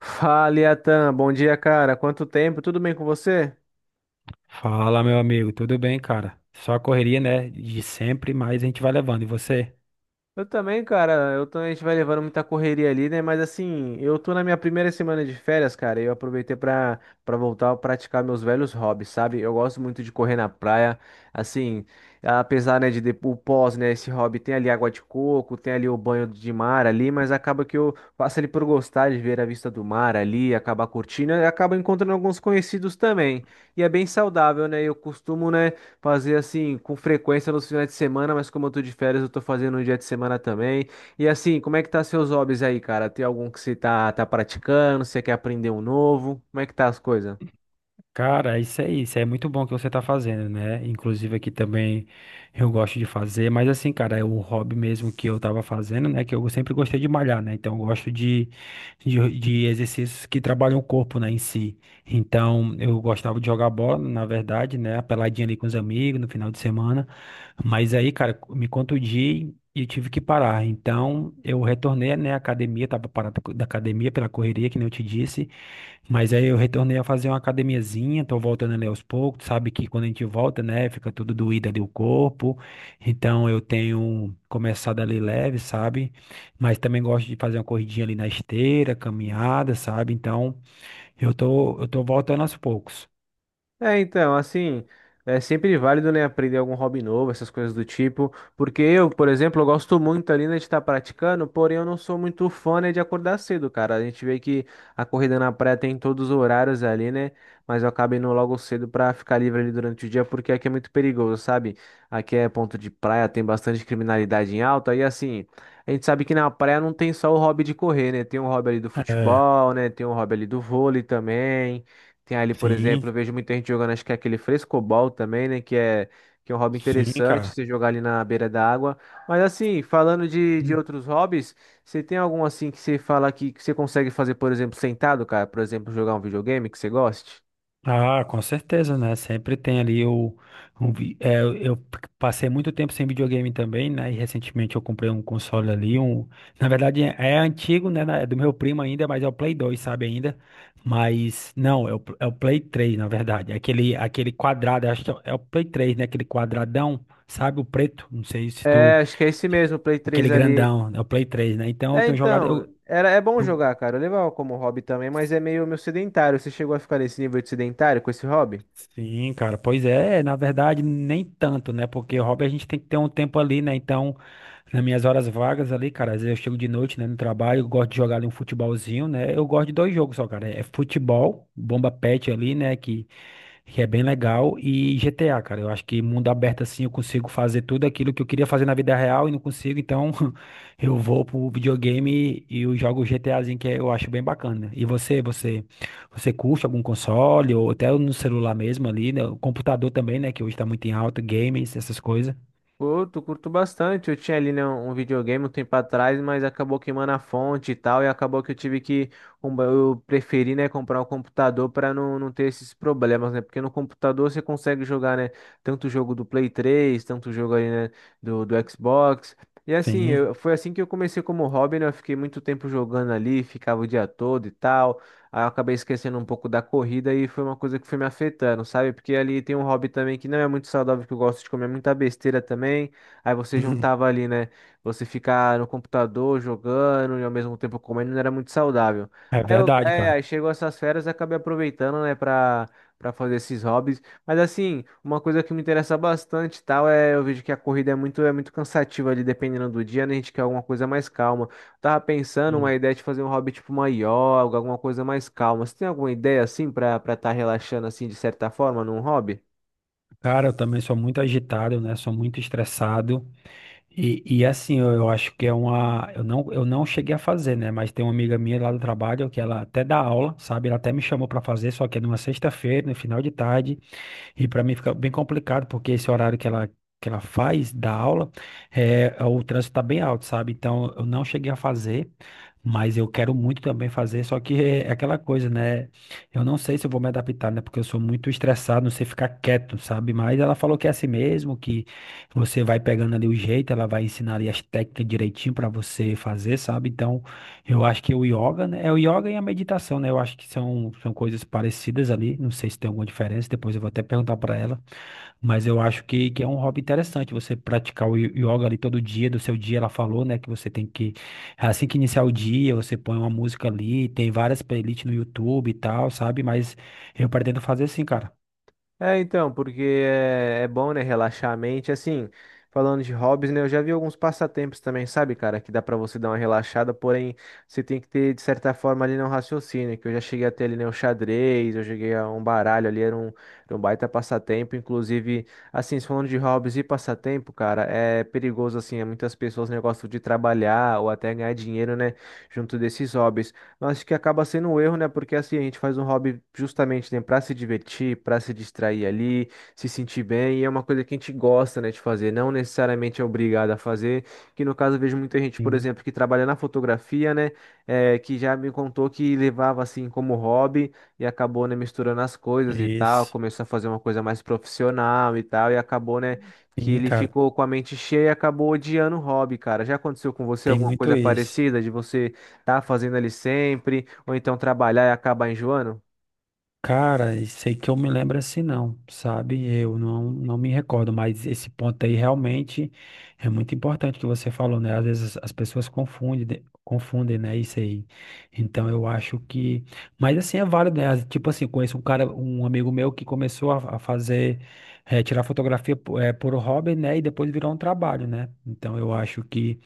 Fala, Iatan. Bom dia, cara. Quanto tempo? Tudo bem com você? Fala, meu amigo, tudo bem, cara? Só a correria, né? De sempre, mas a gente vai levando. E você? Eu também, cara. Eu tô, a gente vai levando muita correria ali, né? Mas assim, eu tô na minha primeira semana de férias, cara. E eu aproveitei pra voltar a praticar meus velhos hobbies, sabe? Eu gosto muito de correr na praia. Assim, apesar, né, o pós, né? Esse hobby tem ali água de coco, tem ali o banho de mar ali, mas acaba que eu faço ali por gostar de ver a vista do mar ali, acabar curtindo e acaba encontrando alguns conhecidos também. E é bem saudável, né? Eu costumo, né, fazer assim com frequência nos finais de semana, mas como eu tô de férias, eu tô fazendo no dia de semana também. E assim, como é que tá seus hobbies aí, cara? Tem algum que você tá praticando? Você quer aprender um novo? Como é que tá as coisas? Cara, isso, é muito bom que você tá fazendo, né? Inclusive aqui também eu gosto de fazer, mas assim, cara, é o hobby mesmo que eu tava fazendo, né? Que eu sempre gostei de malhar, né? Então eu gosto de exercícios que trabalham o corpo, né, em si. Então eu gostava de jogar bola, na verdade, né? A peladinha ali com os amigos no final de semana. Mas aí, cara, me contundi e eu tive que parar. Então eu retornei, né, à academia, tava parado da academia pela correria, que nem eu te disse. Mas aí eu retornei a fazer uma academiazinha, tô voltando ali aos poucos, sabe que quando a gente volta, né, fica tudo doído ali o corpo, então eu tenho começado ali leve, sabe, mas também gosto de fazer uma corridinha ali na esteira, caminhada, sabe, então eu tô voltando aos poucos. É, então, assim, é sempre válido, né, aprender algum hobby novo, essas coisas do tipo, porque eu, por exemplo, eu gosto muito ali, né, de estar praticando, porém eu não sou muito fã, né, de acordar cedo, cara. A gente vê que a corrida na praia tem em todos os horários ali, né, mas eu acabo indo logo cedo pra ficar livre ali durante o dia, porque aqui é muito perigoso, sabe? Aqui é ponto de praia, tem bastante criminalidade em alta, e assim, a gente sabe que na praia não tem só o hobby de correr, né, tem o hobby ali do É, futebol, né, tem o hobby ali do vôlei também. Tem ali, por exemplo, eu sim, vejo muita gente jogando, acho que é aquele frescobol também, né? Que é um hobby sim, interessante, cara. você jogar ali na beira da água. Mas assim, falando de outros hobbies, você tem algum assim que você fala que você consegue fazer, por exemplo, sentado, cara? Por exemplo, jogar um videogame que você goste? Ah, com certeza, né? Sempre tem ali o. Eu passei muito tempo sem videogame também, né? E recentemente eu comprei um console ali, um. Na verdade é antigo, né? É do meu primo ainda, mas é o Play 2, sabe ainda? Mas não, é o Play 3, na verdade. É aquele, aquele quadrado, acho que é o Play 3, né? Aquele quadradão, sabe? O preto. Não sei se tu. É, acho que é esse mesmo, o Play 3 Aquele ali. grandão, é o Play 3, né? Então eu tenho jogado. É bom eu- jogar, cara. Eu levava como hobby também, mas é meio sedentário. Você chegou a ficar nesse nível de sedentário com esse hobby? Sim, cara, pois é, na verdade, nem tanto, né? Porque hobby a gente tem que ter um tempo ali, né? Então, nas minhas horas vagas ali, cara, às vezes eu chego de noite, né, no trabalho, eu gosto de jogar ali um futebolzinho, né? Eu gosto de dois jogos só, cara. É futebol, bomba pet ali, né? Que é bem legal. E GTA, cara, eu acho que mundo aberto assim eu consigo fazer tudo aquilo que eu queria fazer na vida real e não consigo, então eu vou pro videogame e eu jogo o GTAzinho que eu acho bem bacana. E você, você curte algum console ou até no celular mesmo ali, né? O computador também, né, que hoje tá muito em alta, games, essas coisas. Curto, curto bastante. Eu tinha ali, né, um videogame um tempo atrás, mas acabou queimando a fonte e tal, e acabou que eu tive que. Eu preferi, né, comprar um computador para não ter esses problemas, né? Porque no computador você consegue jogar, né, tanto o jogo do Play 3, tanto o jogo ali né, do Xbox. E assim, Sim. foi assim que eu comecei como hobby, né? Eu fiquei muito tempo jogando ali, ficava o dia todo e tal. Aí eu acabei esquecendo um pouco da corrida e foi uma coisa que foi me afetando, sabe? Porque ali tem um hobby também que não é muito saudável, que eu gosto de comer muita besteira também. Aí você juntava ali, né? Você ficar no computador jogando e ao mesmo tempo comendo não era muito saudável. É verdade, cara. Aí chegou essas férias e acabei aproveitando, né, pra fazer esses hobbies. Mas assim, uma coisa que me interessa bastante, e tal, é eu vejo que a corrida é é muito cansativa ali, dependendo do dia, né? A gente quer alguma coisa mais calma. Tava pensando uma Sim. ideia de fazer um hobby tipo uma yoga, alguma coisa mais calma. Você tem alguma ideia assim pra para estar relaxando assim de certa forma num hobby? Cara, eu também sou muito agitado, né? Sou muito estressado. E assim, eu acho que é uma. Eu não cheguei a fazer, né? Mas tem uma amiga minha lá do trabalho que ela até dá aula, sabe? Ela até me chamou para fazer, só que é numa sexta-feira, no final de tarde. E para mim fica bem complicado, porque esse horário que ela faz da aula, é, o trânsito está bem alto, sabe? Então eu não cheguei a fazer, mas eu quero muito também fazer, só que é aquela coisa, né? Eu não sei se eu vou me adaptar, né? Porque eu sou muito estressado, não sei ficar quieto, sabe? Mas ela falou que é assim mesmo, que você vai pegando ali o jeito, ela vai ensinar ali as técnicas direitinho para você fazer, sabe? Então. Eu acho que o yoga, né? É o yoga e a meditação, né? Eu acho que são, são coisas parecidas ali. Não sei se tem alguma diferença, depois eu vou até perguntar para ela. Mas eu acho que é um hobby interessante você praticar o yoga ali todo dia, do seu dia. Ela falou, né? Que você tem que, assim que iniciar o dia, você põe uma música ali. Tem várias playlists no YouTube e tal, sabe? Mas eu pretendo fazer assim, cara. É, então, porque é bom, né, relaxar a mente. Assim, falando de hobbies, né, eu já vi alguns passatempos também, sabe, cara, que dá pra você dar uma relaxada, porém, você tem que ter, de certa forma, ali, né, um raciocínio, que eu já cheguei a ter ali, né, o xadrez, eu cheguei a um baralho ali, era um baita passatempo, inclusive, assim, falando de hobbies e passatempo, cara, é perigoso, assim, é muitas pessoas, né, gostam de trabalhar ou até ganhar dinheiro, né, junto desses hobbies. Acho que acaba sendo um erro, né? Porque assim, a gente faz um hobby justamente, né, para se divertir, para se distrair ali, se sentir bem, e é uma coisa que a gente gosta, né, de fazer, não necessariamente é obrigado a fazer. Que no caso eu vejo muita gente, por Sim, exemplo, que trabalha na fotografia, né, que já me contou que levava assim como hobby e acabou, né, misturando as coisas e tal, isso. começou a fazer uma coisa mais profissional e tal, e acabou, né, que Sim, ele cara, ficou com a mente cheia e acabou odiando o hobby, cara. Já aconteceu com você tem alguma muito coisa isso. parecida de você tá fazendo ali sempre, ou então trabalhar e acabar enjoando? Cara, sei que eu me lembro assim não, sabe? Eu não, não me recordo, mas esse ponto aí realmente é muito importante que você falou, né? Às vezes as pessoas confundem, confundem, né? Isso aí. Então eu acho que, mas assim é válido, né? Tipo assim, conheço um cara, um amigo meu que começou a fazer, tirar fotografia por hobby, né? E depois virou um trabalho, né? Então eu acho que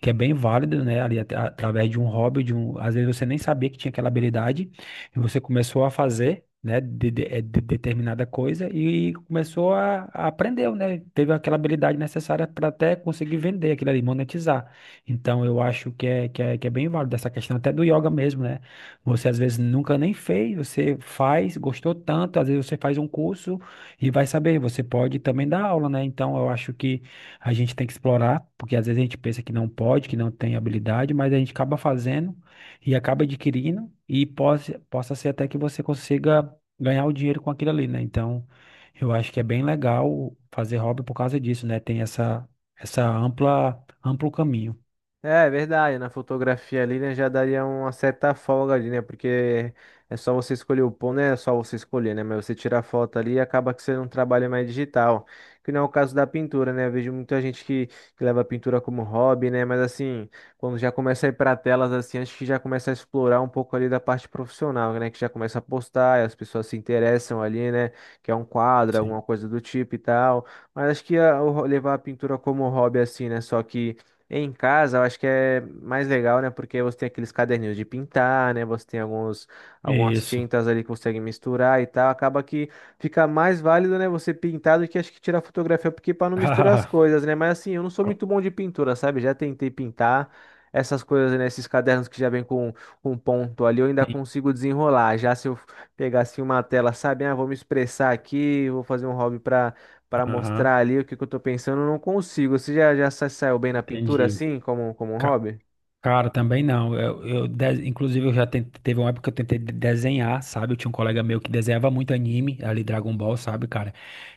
que é bem válido, né? Ali através de um hobby, de um, às vezes você nem sabia que tinha aquela habilidade você começou a fazer, né, determinada coisa e começou a aprender, né? Teve aquela habilidade necessária para até conseguir vender aquilo ali, monetizar. Então, eu acho que é bem válido essa questão até do yoga mesmo, né? Você às vezes nunca nem fez, você faz, gostou tanto, às vezes você faz um curso e vai saber, você pode também dar aula, né? Então, eu acho que a gente tem que explorar, porque às vezes a gente pensa que não pode, que não tem habilidade, mas a gente acaba fazendo e acaba adquirindo e possa ser até que você consiga ganhar o dinheiro com aquilo ali, né? Então, eu acho que é bem legal fazer hobby por causa disso, né? Tem essa, amplo caminho. É, é verdade, na fotografia ali, né, já daria uma certa folga ali, né, porque é só você escolher o ponto, né, é só você escolher, né, mas você tira a foto ali e acaba que você não trabalha mais digital, que não é o caso da pintura, né, eu vejo muita gente que leva a pintura como hobby, né, mas assim, quando já começa a ir para telas, assim, acho que já começa a explorar um pouco ali da parte profissional, né, que já começa a postar, e as pessoas se interessam ali, né, que é um quadro, alguma Sim. coisa do tipo e tal, mas acho que ah, levar a pintura como hobby, assim, né, só que em casa, eu acho que é mais legal, né? Porque você tem aqueles caderninhos de pintar, né? Você tem algumas Isso. tintas ali que você consegue misturar e tal. Acaba que fica mais válido, né? Você pintar do que acho que tirar fotografia, porque para não misturar as Ah, coisas, né? Mas assim, eu não sou muito bom de pintura, sabe? Já tentei pintar essas coisas, né? Esses cadernos que já vem com um ponto ali, eu ainda sim. consigo desenrolar. Já se eu pegasse uma tela, sabe? Ah, vou me expressar aqui, vou fazer um hobby para pra Aham. mostrar ali o que que eu tô pensando, eu não consigo. Você já saiu bem na pintura Entendi. assim, como um Ca- hobby? Cara, também não. Inclusive, eu já teve uma época que eu tentei desenhar, sabe? Eu tinha um colega meu que desenhava muito anime, ali Dragon Ball, sabe, cara?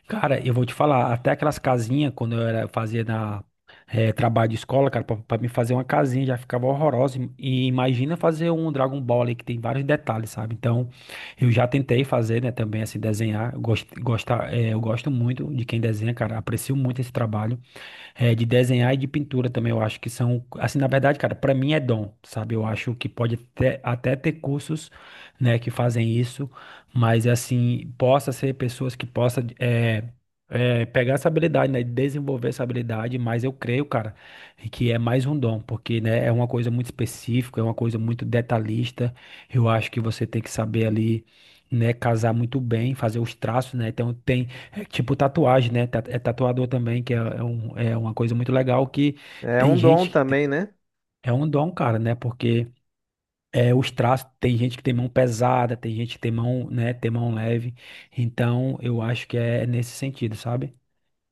Cara, eu vou te falar, até aquelas casinhas, quando eu era, fazia na, trabalho de escola, cara, pra me fazer uma casinha já ficava horrorosa. E imagina fazer um Dragon Ball ali que tem vários detalhes, sabe? Então, eu já tentei fazer, né, também, assim, desenhar. Eu gosto muito de quem desenha, cara. Aprecio muito esse trabalho. É, de desenhar e de pintura também, eu acho que são, assim, na verdade, cara, pra mim é dom, sabe? Eu acho que pode até, até ter cursos, né, que fazem isso, mas, assim, possa ser pessoas que possa pegar essa habilidade, né, desenvolver essa habilidade, mas eu creio, cara, que é mais um dom, porque, né, é uma coisa muito específica, é uma coisa muito detalhista, eu acho que você tem que saber ali, né, casar muito bem, fazer os traços, né, então tem é tipo tatuagem, né? É tatuador também, que é é uma coisa muito legal que É tem um dom gente que também, né? é um dom, cara, né? Porque é os traços, tem gente que tem mão pesada, tem gente que tem mão, né, tem mão leve. Então, eu acho que é nesse sentido, sabe?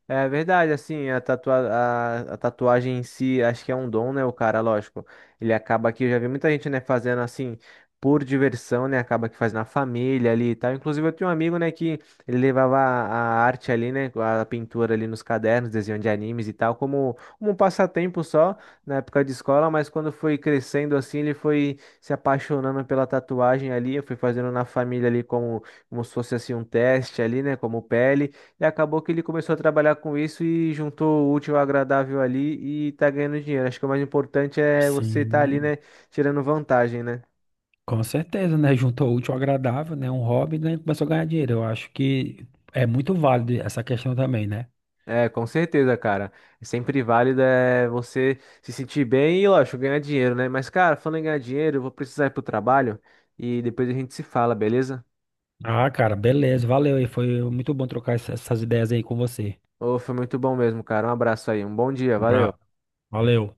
É verdade, assim, tatua a tatuagem em si, acho que é um dom, né? O cara, lógico, ele acaba que eu já vi muita gente, né, fazendo assim por diversão, né? Acaba que faz na família ali e tal. Inclusive, eu tinha um amigo, né, que ele levava a arte ali, né, a pintura ali nos cadernos, desenho de animes e tal, como um passatempo só na época de escola, mas quando foi crescendo assim, ele foi se apaixonando pela tatuagem ali, eu fui fazendo na família ali como, como se fosse assim um teste ali, né, como pele. E acabou que ele começou a trabalhar com isso e juntou o útil ao agradável ali e tá ganhando dinheiro. Acho que o mais importante é você estar ali, Sim, né, tirando vantagem, né? com certeza, né? Juntou o útil ao agradável, né? Um hobby, né? Começou a ganhar dinheiro. Eu acho que é muito válido essa questão também, né? É, com certeza, cara. É sempre válido é você se sentir bem e, lógico, ganhar dinheiro, né? Mas, cara, falando em ganhar dinheiro, eu vou precisar ir pro trabalho e depois a gente se fala, beleza? Ah, cara, beleza, valeu aí. Foi muito bom trocar essas ideias aí com você. Ô, foi muito bom mesmo, cara. Um abraço aí, um bom dia, valeu. Bra- Valeu.